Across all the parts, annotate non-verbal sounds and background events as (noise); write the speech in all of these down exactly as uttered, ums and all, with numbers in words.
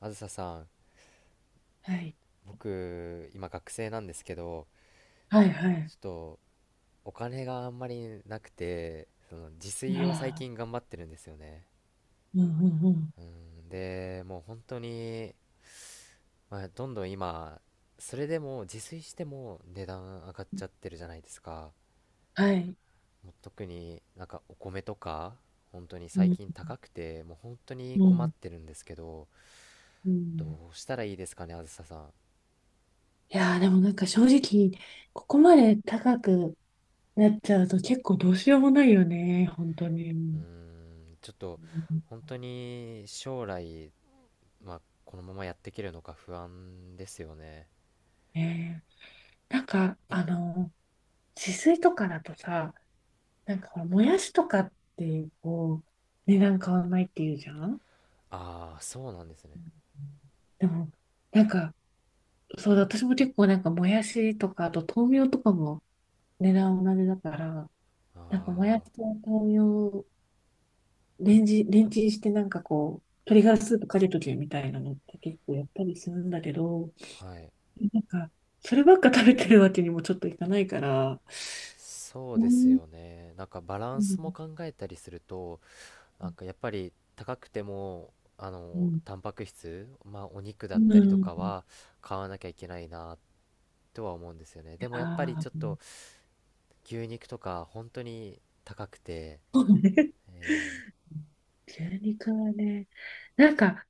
あずささん、はい。僕、今学生なんですけど、はいはちい。ょっとお金があんまりなくて、その自あ炊を最あ、近頑張ってるんですよね。うんうんうん。うん、で、もう本当に、まあ、どんどん今、それでも自炊しても値段上がっちゃってるじゃないですか。はい。もう特になんかお米とか、本当にう最ん近高くて、もう本当にう困っんてるんですけど、うん。どうしたらいいですかね、あずささん。いやー、でもなんか正直、ここまで高くなっちゃうと結構どうしようもないよね。本当に。ううーん。ん、ちょっと本当に将来、まあ、このままやっていけるのか不安ですよね。ねえ、なんか、あの、自炊とかだとさ、なんかほらもやしとかってこう、値段変わんないっていうじゃん。ああ、そうなんですね。でも、なんか、そうだ、私も結構なんかもやしとか、あと豆苗とかも値段同じだから、なんか、もやしあと豆苗をレンジ、レンチンして、なんかこう、鶏ガラスープかけとけみたいなのって結構やったりするんだけど、あ、はい。なんか、そればっか食べてるわけにもちょっといかないから。そううですん、よね。なんかバラうンスもん、考えたりすると、なんかやっぱり高くても、あうの、ん、タンパク質、まあお肉だうったりとん、かは買わなきゃいけないなとは思うんですよね。でもやっぱりああ、ちょっと牛肉とか本当に高くて、そうね。え牛肉はね、なんか、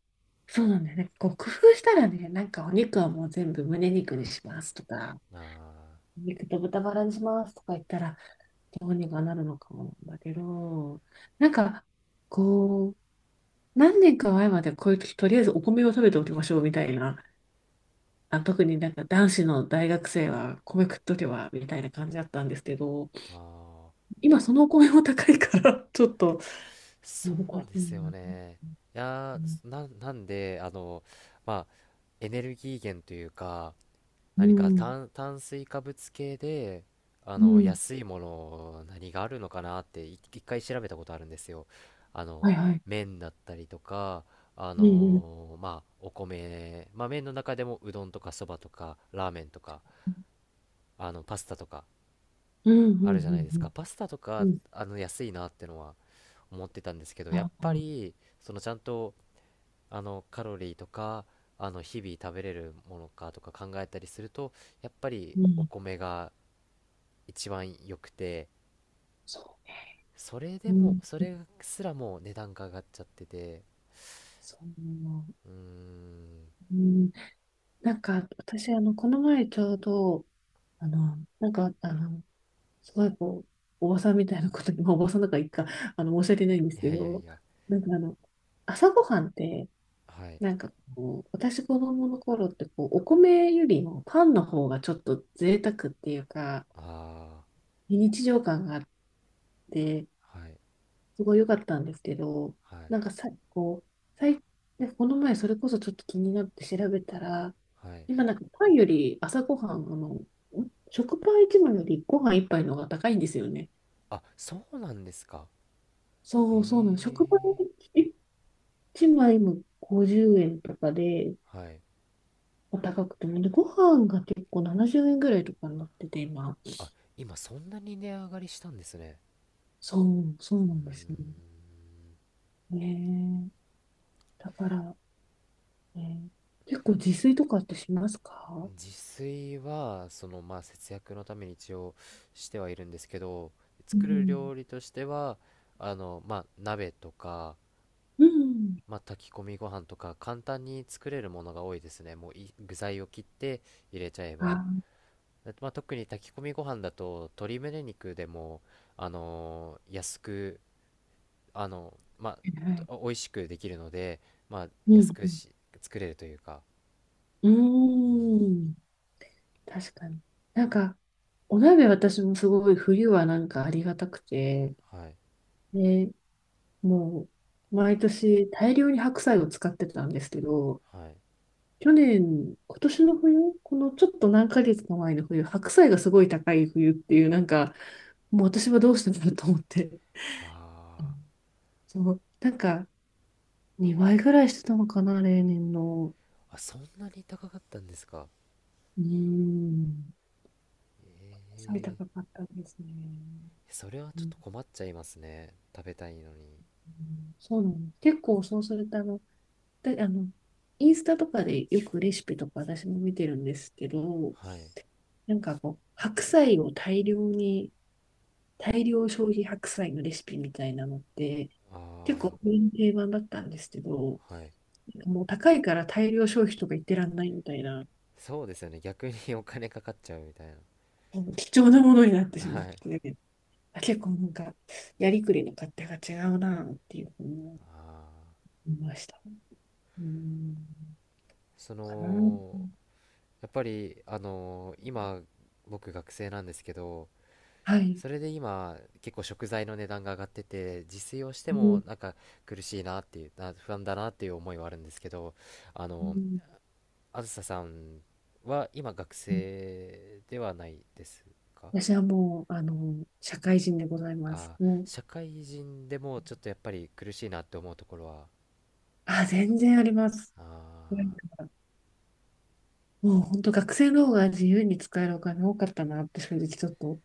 そうなんだよね。こう工夫したらね、なんかお肉はもう全部胸肉にしますとか、ー、あ肉と豚バラにしますとか言ったら、どうにかなるのかもなんだけど、なんか、こう、何年か前までこういう時、とりあえずお米を食べておきましょうみたいな、あ、特になんか男子の大学生は米食っとけばみたいな感じだったんですけど、ーあー、今そのお米も高いから (laughs) ちょっとそ難うしでいすよな。ね。いうやん、ー、な、なんで、あの、まあ、エネルギー源というか、う何かん、炭、炭水化物系で、あうの、ん。安いもの、何があるのかなってい、一回調べたことあるんですよ。あの、はいはい。麺だったりとか、あうん、のーまあ、お米、まあ、麺の中でもうどんとかそばとか、ラーメンとか、あの、パスタとか、うん、うん、うあるじゃないん、でうすか。ん、パスタとうか、ん、あの、安いなってのは思ってたんですけど、やっあ、ぱり、そのちゃんと、あのカロリーとかあの日々食べれるものかとか考えたりすると、やっぱりうおん、米が一番良くて、そそれでう、うもん、それすらもう値段が上がっちゃってて、そう、うーん。うん。なんか、私、あの、この前ちょうど、あの、なんか、あの、すごいこう、おばさんみたいなことに、まあ、おばさんだからいいか、あの、申し訳ないんでいすけやいやいど、や、なんかあの、朝ごはんって、はい。なんかこう、私子供の頃って、こう、お米よりもパンの方がちょっと贅沢っていうか、あ非日常感があって、あー、はいすごい良かったんですけど、はいなんかさ、こう、最、でこの前それこそちょっと気になって調べたら、はい。今なんかパンより朝ごはん、あの、食パンいちまいよりご飯いっぱいの方が高いんですよね。あ、そうなんですか。そうそうなの。食パンええいちまいもごじゅうえんとかで、ー、はい。高くても、で、ご飯が結構ななじゅうえんぐらいとかになってて、今。あ、今そんなに値上がりしたんですね。そう、そうなうーんですよん。ね。だから、ね、結構自炊とかってしますか？自炊はそのまあ節約のために一応してはいるんですけど、う作るん。料理としては、あのまあ鍋とか、うん。まあ、炊き込みご飯とか簡単に作れるものが多いですね。もうい具材を切って入れちゃえあ、ば、はだまあ、特に炊き込みご飯だと鶏胸肉でもあのー安く、あのまあいはい。お美味しくできるので、まあうん、安くし作れるというか。ううん、ん。うーん。確かに。なんか、お鍋私もすごい冬はなんかありがたくて、はい。で、もう、毎年大量に白菜を使ってたんですけど、はい。去年、今年の冬、このちょっと何ヶ月か前の冬、白菜がすごい高い冬っていう、なんか、もう私はどうしてんだと思って。ああー、そう、なんか、にばいぐらいしてたのかな、例年の。あ、そんなに高かったんですか。うーん。白菜え高かったですね。ー、それはうちょっん。と困っちゃいますね、食べたいのに。そうなの。結構そうすると、あの、で、あの、インスタとかでよくレシピとか私も見てるんですけど、はい。なんかこう、白菜を大量に、大量消費白菜のレシピみたいなのって、あ結構定番だったんですけど、あ、はい。もう高いから大量消費とか言ってらんないみたいな、そうですよね、逆に (laughs) お金かかっちゃうみたい貴重なものになってな。しはまっい。て、あ、結構なんか、やりくりの勝手が違うなっていうふうにああ、思いました。うん、そかな。のやっぱりあのー今僕学生なんですけど、はい。それで今結構食材の値段が上がってて自炊をしてうもん、なんか苦しいなっていう、な不安だなっていう思いはあるんですけど、あうのん。あずささんは今学生ではないですか？私はもう、あの、社会人でございます。あー、もう、社会人でもちょっとやっぱり苦しいなって思うところは、あ、全然あります。なんかあもう本当学生の方が自由に使えるお金多かったなって正直ちょっと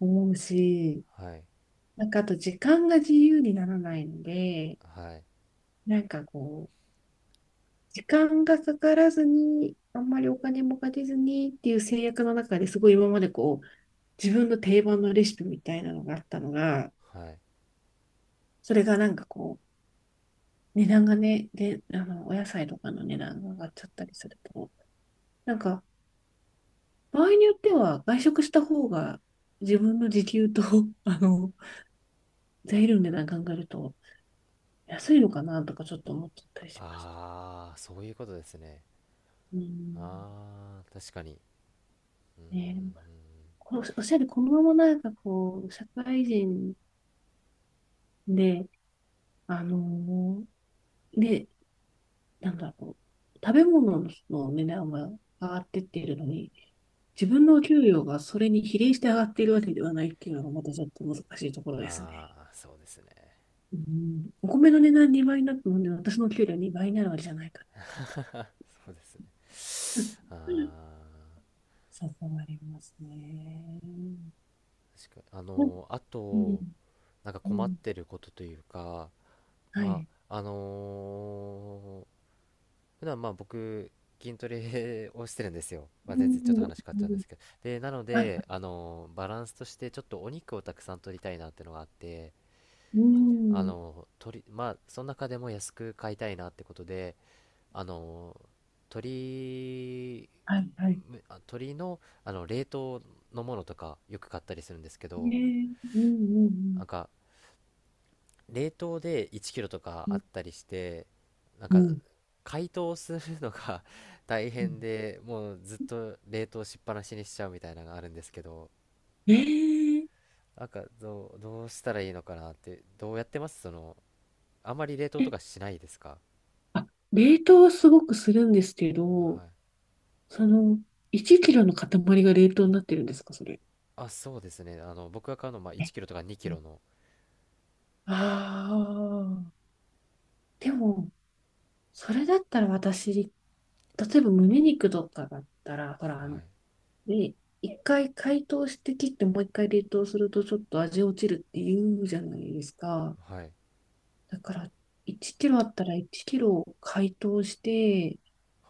思うし、あ、はい、なんかあと時間が自由にならないので、はい、なんかこう、時間がかからずに、あんまりお金もかけずにっていう制約の中ですごい今までこう、自分の定番のレシピみたいなのがあったのが、はい。それがなんかこう、値段がね、で、あの、お野菜とかの値段が上がっちゃったりすると、なんか、場合によっては外食した方が自分の時給と、(laughs) あの、材料の値段考えると安いのかなとかちょっと思っちゃったりしました。ああ、そういうことですね。うん。ああ、確かに。うーん。ね。このおっしゃる、このままなんかこう、社会人で、あの、で、なんだろう、食べ物の値段は上がってってるのに、自分のお給料がそれに比例して上がっているわけではないっていうのがまたちょっと難しいところですね。ああ、そうですね。うん、お米の値段にばいになったので、私の給料にばいになるわけじゃないかそうですね。ら。あ (laughs) あ、そうなりますね。確かに。あうん、のー、あうと、ん、なんかう困っん、てることというか、はまい。あ、あのー普段まあ僕筋トレをしてるんですよ。まあ、う全然ちょっとん、話変わっうちゃうんでん、すけど、でなのはい、で、あのバランスとしてちょっとお肉をたくさん取りたいなってのがあって、うあん、の取りまあその中でも安く買いたいなってことで、あの鶏はい、はい。むあ鶏の、あの冷凍のものとかよく買ったりするんですけど、ねえ、うん、うなん、んか冷凍でいちキロとかうあっん、たりして、なんうかん、解凍するのが (laughs) 大うん。変で、もうずっと冷凍しっぱなしにしちゃうみたいなのがあるんですけど、ええ。なんかどう、どうしたらいいのかなって、どうやってますその、あまり冷凍とかしないですか？あ、冷凍はすごくするんですけど、はい。その、いちキロの塊が冷凍になってるんですか、それ。あ、そうですね。あの、僕が買うのはまあいちキロとか2キえ、ロの。ああ。でも、それだったら私、例えば胸肉とかだったら、ほら、はあの、い。ね、一回解凍して切ってもう一回冷凍するとちょっと味落ちるって言うじゃないですか。はい。だから、いちキロあったらいちキロ解凍して、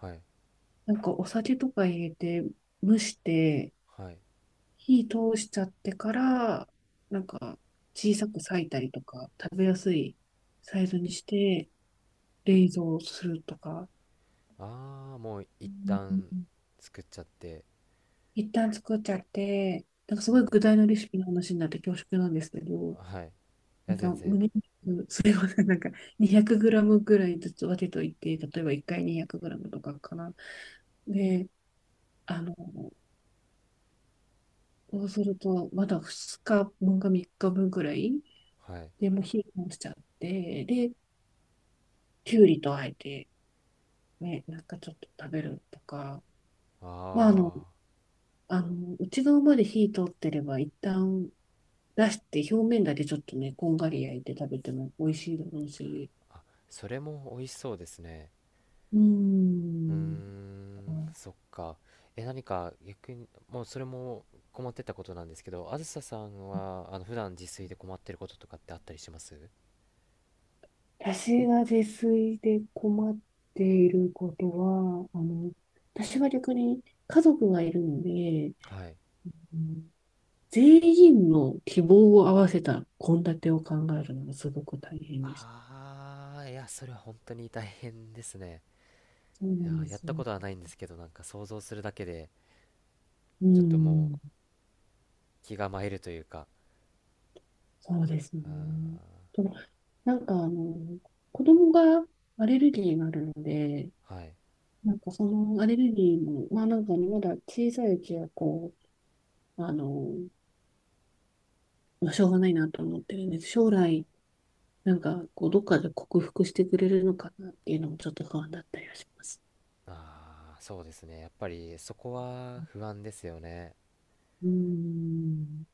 はい。なんかお酒とか入れて蒸して、はい。火通しちゃってから、なんか小さく裂いたりとか、食べやすいサイズにして冷蔵するとか。ああ、もうう一んうん旦うん。作っちゃって。一旦作っちゃって、なんかすうごん。い具材のレシピの話になって恐縮なんですけど、はい。いなや、ん全か然。胸肉、それをね、なんか にひゃくグラム ぐらいずつ分けといて、例えばいっかい にひゃくグラム とかかな。で、あの、そうすると、まだふつかぶんかみっかぶんぐらい、はい。でもう火を通しちゃって、で、きゅうりとあえて、ね、なんかちょっと食べるとか、まあ、あの、ああ。あの、内側まで火通ってれば、一旦出して表面だけちょっとね、こんがり焼いて食べても美味しいだろうし。あ、それも美味しそうですね。うーうーん。ん、そっか。え、何か逆に、もうそれも困ってたことなんですけど、あずささんは、あの、普段自炊で困ってることとかってあったりします？私が自炊で困っていることは、あの、私は逆に家族がいるので、はい。うん、全員の希望を合わせた献立を考えるのがすごく大変でした。ああ、いや、それは本当に大変ですね。そういなや、んでやっすよ。たことはないんですけど、なんか想像するだけで、うちょっともうん。気が参るというか、そうですね。うん、と、なんかあの、子供がアレルギーがあるので、はい。なんかそのアレルギーも、まあなんかね、まだ小さいうちはこう、あの、まあしょうがないなと思ってるんです。将来、なんかこう、どっかで克服してくれるのかなっていうのもちょっと不安だったりはします。ああ、そうですね。やっぱりそこは不安ですよね。うーん